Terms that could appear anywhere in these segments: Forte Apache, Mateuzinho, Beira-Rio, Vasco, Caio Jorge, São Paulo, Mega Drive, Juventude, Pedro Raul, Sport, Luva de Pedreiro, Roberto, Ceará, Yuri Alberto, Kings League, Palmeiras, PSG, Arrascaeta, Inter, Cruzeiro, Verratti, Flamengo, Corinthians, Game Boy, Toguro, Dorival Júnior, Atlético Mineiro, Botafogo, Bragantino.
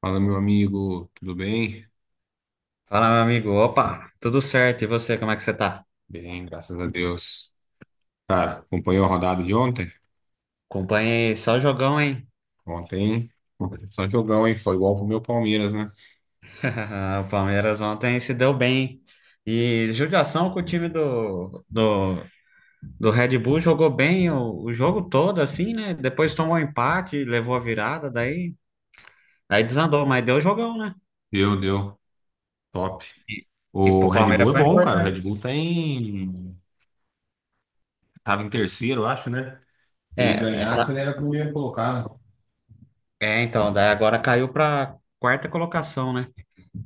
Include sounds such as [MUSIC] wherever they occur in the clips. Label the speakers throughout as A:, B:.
A: Fala, meu amigo, tudo bem?
B: Fala, meu amigo. Opa, tudo certo? E você, como é que você tá?
A: Bem, graças a Deus. Cara, acompanhou a rodada de ontem?
B: Acompanhei só jogão, hein?
A: Ontem, só um jogão, hein? Foi igual pro meu Palmeiras, né?
B: [LAUGHS] O Palmeiras ontem se deu bem. E judiação com o time do Red Bull jogou bem o jogo todo, assim, né? Depois tomou empate, levou a virada, daí, aí desandou, mas deu jogão, né?
A: Deu, deu. Top.
B: E, e
A: O
B: pro
A: Red
B: Palmeiras
A: Bull é
B: foi
A: bom, cara. O
B: importante.
A: Red Bull tá em... Tava em terceiro, eu acho, né? Se
B: É,
A: ele
B: é,
A: ganhasse, ele
B: tá.
A: era primeiro colocado.
B: É, então, daí agora caiu pra quarta colocação, né?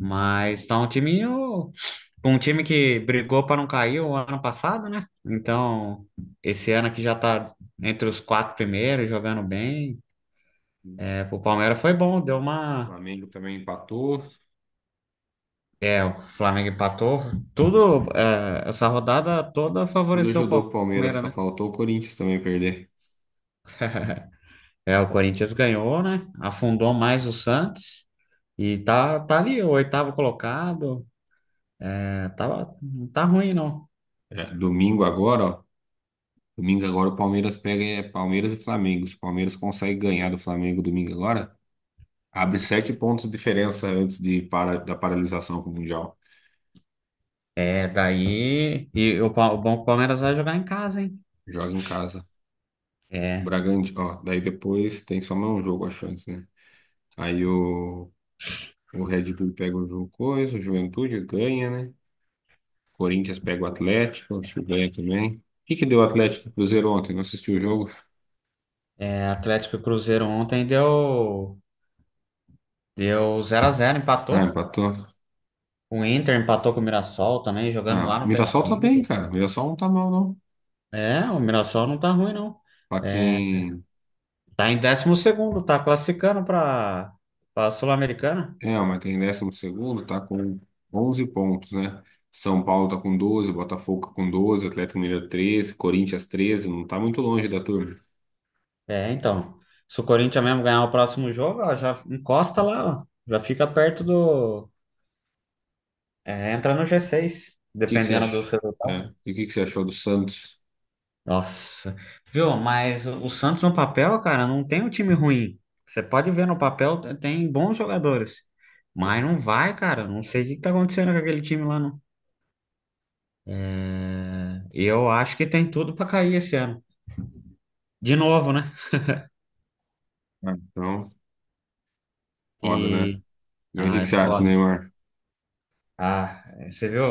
B: Mas tá um timinho. Um time que brigou para não cair o ano passado, né? Então, esse ano aqui já tá entre os quatro primeiros, jogando bem.
A: O
B: É, pro Palmeiras foi bom, deu uma.
A: Flamengo também empatou.
B: É, o Flamengo empatou. Tudo, é, essa rodada toda
A: Tudo
B: favoreceu
A: ajudou
B: o
A: o Palmeiras,
B: Palmeiras,
A: só
B: né?
A: faltou o Corinthians também perder.
B: É, o Corinthians ganhou, né? Afundou mais o Santos. E tá, tá ali, o oitavo colocado. É, tá, não tá ruim, não.
A: É, domingo agora, ó. Domingo agora o Palmeiras pega é, Palmeiras e Flamengo. Se o Palmeiras consegue ganhar do Flamengo domingo agora, abre sete pontos de diferença antes da paralisação com o Mundial.
B: É, daí. E o, Pa- o bom é que o Palmeiras vai jogar em casa, hein?
A: Joga em casa.
B: É.
A: Bragantino, ó, daí depois tem só mais um jogo a chance, né? Aí o Red Bull pega o Juventude ganha, né? Corinthians pega o Atlético, acho que ganha também. O que que deu o Atlético e Cruzeiro ontem? Não assistiu o jogo?
B: É, Atlético e Cruzeiro ontem deu deu zero a zero
A: Ah,
B: empatou.
A: empatou.
B: O Inter empatou com o Mirassol também, jogando
A: Ah,
B: lá
A: o
B: no
A: Mirassol tá bem,
B: Beira-Rio.
A: cara. O Mirassol não tá mal, não.
B: É, o Mirassol não tá ruim não.
A: Pra
B: É,
A: quem
B: tá em décimo segundo, tá classificando para Sul-Americana.
A: é, o Maitá em 12º tá com 11 pontos, né? São Paulo tá com 12, Botafogo tá com 12, Atlético Mineiro 13, Corinthians 13. Não está muito longe da turma. O
B: É, então, se o Corinthians mesmo ganhar o próximo jogo, ó, já encosta lá, ó, já fica perto do é, entra no g seis,
A: que que você
B: dependendo dos
A: achou?
B: resultados.
A: E o que que você achou do Santos?
B: Nossa, viu? Mas o Santos no papel, cara, não tem um time ruim. Você pode ver no papel, tem bons jogadores. Mas não vai, cara. Não sei o que que tá acontecendo com aquele time lá, não. É, eu acho que tem tudo pra cair esse ano. De novo, né?
A: Ah, então, foda, né?
B: E.
A: Mas o que
B: Ah,
A: que
B: é
A: você acha,
B: foda.
A: Neymar?
B: Ah, você viu?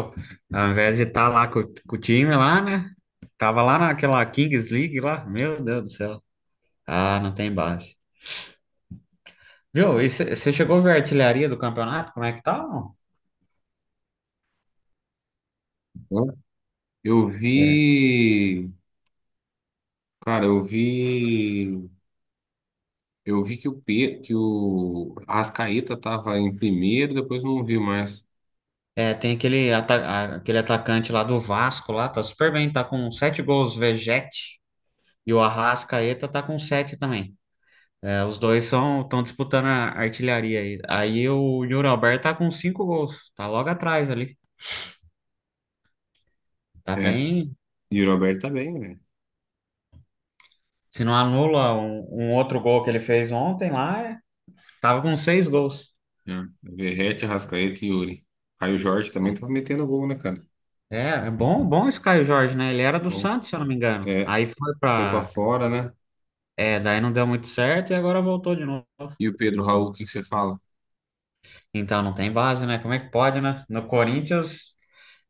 B: Ao invés de estar lá com o time lá, né? Tava lá naquela Kings League lá. Meu Deus do céu. Ah, não tem base. Viu? E você chegou a ver a artilharia do campeonato? Como é que tá? Não?
A: Hã? Eu
B: É.
A: vi, cara, eu vi que o Arrascaeta tava em primeiro, depois não vi mais.
B: É, tem aquele, aquele atacante lá do Vasco lá, tá super bem, tá com sete gols, Vegete, e o Arrascaeta tá com sete também. É, os dois são estão disputando a artilharia aí. Aí o Yuri Alberto tá com cinco gols, tá logo atrás ali. Tá
A: É,
B: bem.
A: e o Roberto tá bem, velho.
B: Se não anula um, um outro gol que ele fez ontem lá, tava com seis gols.
A: Né? Verratti, Arrascaeta e Yuri. Caio Jorge também tava metendo gol, né, cara?
B: É, é bom, bom esse Caio Jorge, né? Ele era do
A: Bom,
B: Santos, se eu não me engano.
A: é,
B: Aí foi
A: foi pra
B: pra.
A: fora, né?
B: É, daí não deu muito certo e agora voltou de novo.
A: E o Pedro Raul, o que que você fala?
B: Então não tem base, né? Como é que pode, né? No Corinthians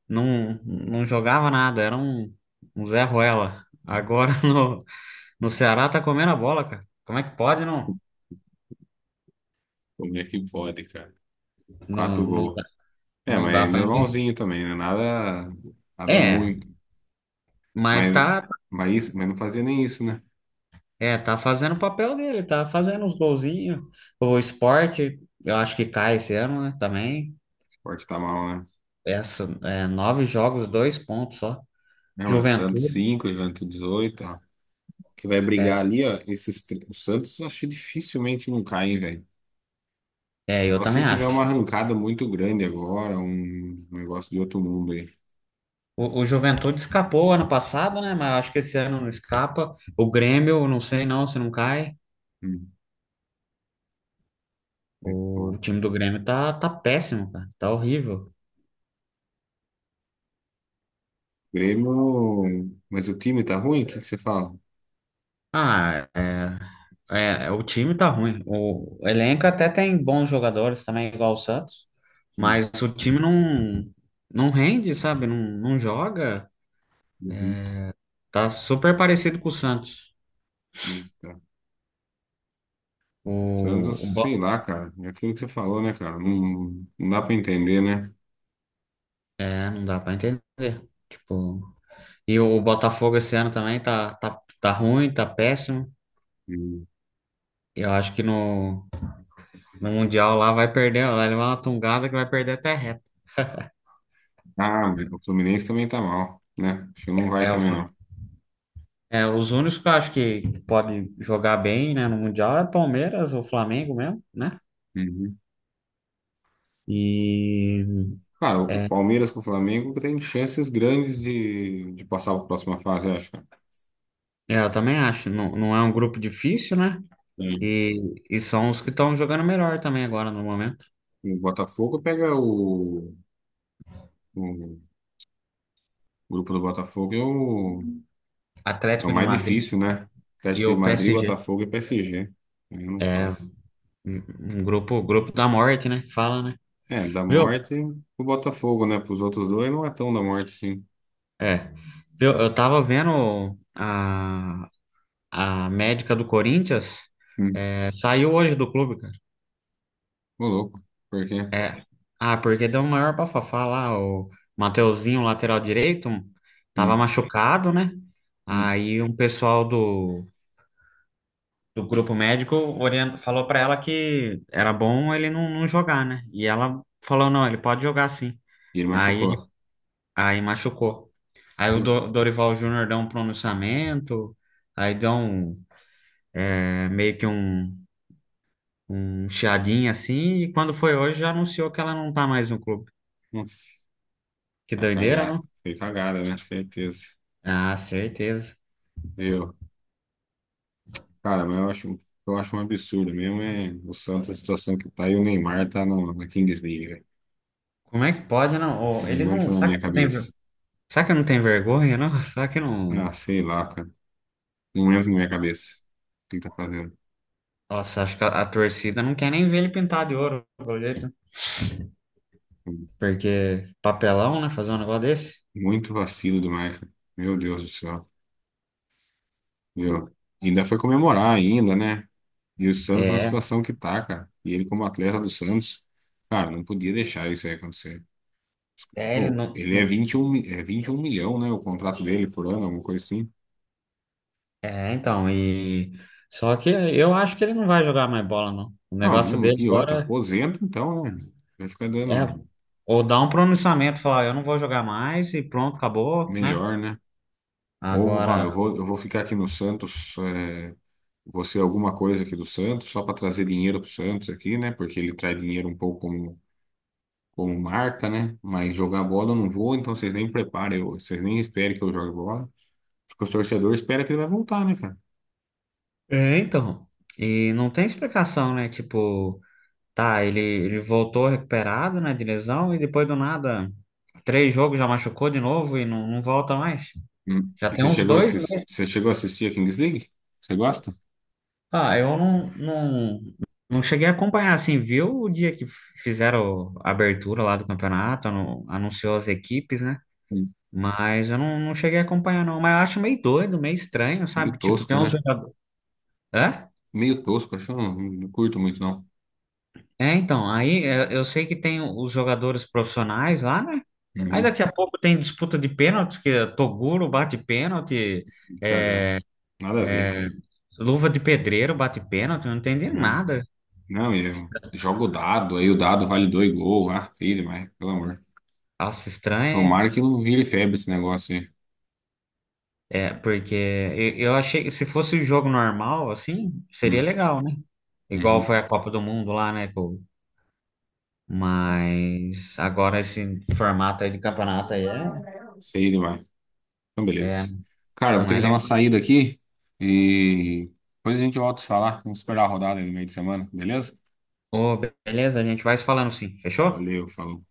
B: não jogava nada, era um, um Zé Ruela. Agora [LAUGHS] no, no Ceará tá comendo a bola, cara. Como é que pode, não?
A: Como é que pode, cara?
B: Não,
A: Quatro
B: não
A: gols.
B: dá,
A: É,
B: não
A: mas é
B: dá pra entender.
A: normalzinho também, né? Nada, nada
B: É,
A: muito.
B: mas
A: Mas,
B: tá,
A: mas isso, mas não fazia nem isso, né? O
B: é, tá fazendo o papel dele, tá fazendo os golzinhos. O Sport, eu acho que cai esse ano, né? Também.
A: esporte tá mal, né?
B: Essa, é, nove jogos, dois pontos só.
A: Não, é o Santos
B: Juventude,
A: 5, o Juventude 18. Ó. Que vai brigar
B: é,
A: ali, ó. Esses, o Santos eu acho que dificilmente não cai, hein, velho.
B: é, eu
A: Só
B: também
A: se tiver uma
B: acho.
A: arrancada muito grande agora, um negócio de outro mundo aí.
B: O Juventude escapou ano passado, né? Mas acho que esse ano não escapa. O Grêmio, eu não sei não se não cai.
A: Hum. É
B: O
A: foda.
B: time do Grêmio tá, tá péssimo, cara. Tá horrível.
A: Grêmio. Mas o time tá ruim? O que que você fala?
B: Ah, é, é, é, o time tá ruim. O elenco até tem bons jogadores também, igual o Santos.
A: Hum.
B: Mas o time não, não rende, sabe? Não, não joga.
A: Uhum.
B: Tá super parecido com o Santos.
A: Eita. Santos, sei
B: Bo-
A: lá, cara. É aquilo que você falou, né, cara? Não, não dá pra entender, né?
B: é, não dá pra entender. Tipo. E o Botafogo esse ano também tá, tá, tá ruim, tá péssimo.
A: Hum.
B: Eu acho que no, no Mundial lá vai perder, lá levar uma tungada que vai perder até reta.
A: Ah, mas o Fluminense também tá mal, né? Acho que não vai
B: É, o
A: também,
B: Fla-
A: não.
B: é, os únicos que eu acho que pode jogar bem, né, no Mundial é Palmeiras ou Flamengo mesmo, né?
A: Uhum.
B: E
A: Cara, o
B: é,
A: Palmeiras com o Flamengo tem chances grandes de passar para a próxima fase, eu acho, cara.
B: eu também acho, não, não é um grupo difícil, né?
A: Sim.
B: E são os que estão jogando melhor também agora no momento.
A: O Botafogo pega o grupo do Botafogo É o
B: Atlético de
A: mais
B: Madrid
A: difícil, né? Atlético
B: e
A: de
B: o
A: Madrid,
B: PSG.
A: Botafogo e PSG. Eu não
B: É um
A: faço.
B: um grupo, grupo da morte, né? Que fala, né?
A: É, da
B: Viu?
A: morte, o Botafogo, né? Para os outros dois não é tão da morte assim.
B: É. Eu tava vendo a médica do Corinthians,
A: Hum.
B: é, saiu hoje do clube, cara.
A: Ô, louco. Por quê?
B: É. Ah, porque deu o maior bafafá lá, o Mateuzinho, lateral direito, tava
A: Hum,
B: machucado, né?
A: hum.
B: Aí um pessoal do, do grupo médico falou pra ela que era bom ele não, não jogar, né? E ela falou, não, ele pode jogar sim.
A: E ele
B: Aí,
A: machucou.
B: aí machucou. Aí o
A: Uh,
B: Dorival Júnior deu um pronunciamento, aí deu um é, meio que um chiadinho assim, e quando foi hoje já anunciou que ela não tá mais no clube.
A: Nossa.
B: Que
A: Tá
B: doideira,
A: cagada.
B: não?
A: Foi cagada, né? Certeza.
B: Ah, certeza.
A: Viu? Cara, mas eu acho um absurdo mesmo. É o Santos, a situação que tá e o Neymar tá no, na Kings League, velho.
B: Como é que pode, não? Ô, ele
A: Não
B: não,
A: entra na
B: sabe
A: minha
B: que não tem,
A: cabeça.
B: sabe que não tem vergonha, não? [LAUGHS] Sabe que não.
A: Ah, sei lá, cara. Não entra na minha cabeça. O que ele tá fazendo?
B: Nossa, acho que a torcida não quer nem ver ele pintar de ouro, pelo jeito. Porque papelão, né? Fazer um negócio desse.
A: Muito vacilo do Michael. Meu Deus do céu. Meu. Ainda foi comemorar ainda, né? E o Santos na
B: É,
A: situação que tá, cara. E ele como atleta do Santos, cara, não podia deixar isso aí acontecer.
B: é, ele
A: Pô,
B: não,
A: ele é
B: não-
A: 21, é 21 milhão, né? O contrato dele por ano, alguma coisa assim.
B: É, então, e. Só que eu acho que ele não vai jogar mais bola, não. O
A: Não,
B: negócio
A: não-
B: dele
A: e outra,
B: agora.
A: aposenta então, né? Vai ficar dando
B: É, ou dá um pronunciamento, falar, eu não vou jogar mais e pronto, acabou, né?
A: melhor, né? Ou, ó,
B: Agora,
A: eu vou ficar aqui no Santos, é, você alguma coisa aqui do Santos, só para trazer dinheiro pro Santos aqui, né? Porque ele traz dinheiro um pouco como marca, né? Mas jogar bola eu não vou, então vocês nem preparem, vocês nem esperem que eu jogue bola. Porque os torcedores esperam que ele vai voltar, né, cara?
B: é, então, e não tem explicação, né? Tipo, tá, ele voltou recuperado, né, de lesão e depois do nada, três jogos já machucou de novo e não, não volta mais.
A: Hum.
B: Já
A: E
B: tem
A: você
B: uns
A: chegou a
B: dois,
A: assistir,
B: né?
A: você chegou a assistir a Kings League? Você gosta?
B: Ah, eu não, não, não cheguei a acompanhar, assim, viu o dia que fizeram a abertura lá do campeonato, anunciou as equipes, né?
A: Hum.
B: Mas eu não, não cheguei a acompanhar, não. Mas eu acho meio doido, meio estranho,
A: Meio
B: sabe? Tipo,
A: tosco,
B: tem uns
A: né?
B: jogadores. Hã?
A: Meio tosco, acho que eu não, não curto muito, não.
B: É, então, aí é, eu sei que tem os jogadores profissionais lá, né? Aí
A: Uhum.
B: daqui a pouco tem disputa de pênaltis, que é Toguro bate pênalti,
A: Cagar.
B: é,
A: Nada a ver.
B: Luva de Pedreiro bate pênalti, eu não entendi
A: Né?
B: nada.
A: Não, eu jogo o dado, aí o dado vale dois gols. Ah, filho, demais, pelo amor.
B: Nossa, estranho,
A: Tomara que não vire febre esse negócio aí.
B: é, é, porque eu achei que se fosse o jogo normal, assim, seria
A: Hum.
B: legal, né? Igual foi a
A: Uhum.
B: Copa do Mundo lá, né? Mas agora esse formato aí de campeonato aí
A: Feio demais. Então,
B: é, é,
A: beleza. Cara, vou
B: não
A: ter
B: é
A: que dar uma
B: legal.
A: saída aqui e depois a gente volta a se falar. Vamos esperar a rodada aí no meio de semana, beleza?
B: Ô, beleza, a gente vai se falando sim. Fechou?
A: Valeu, falou.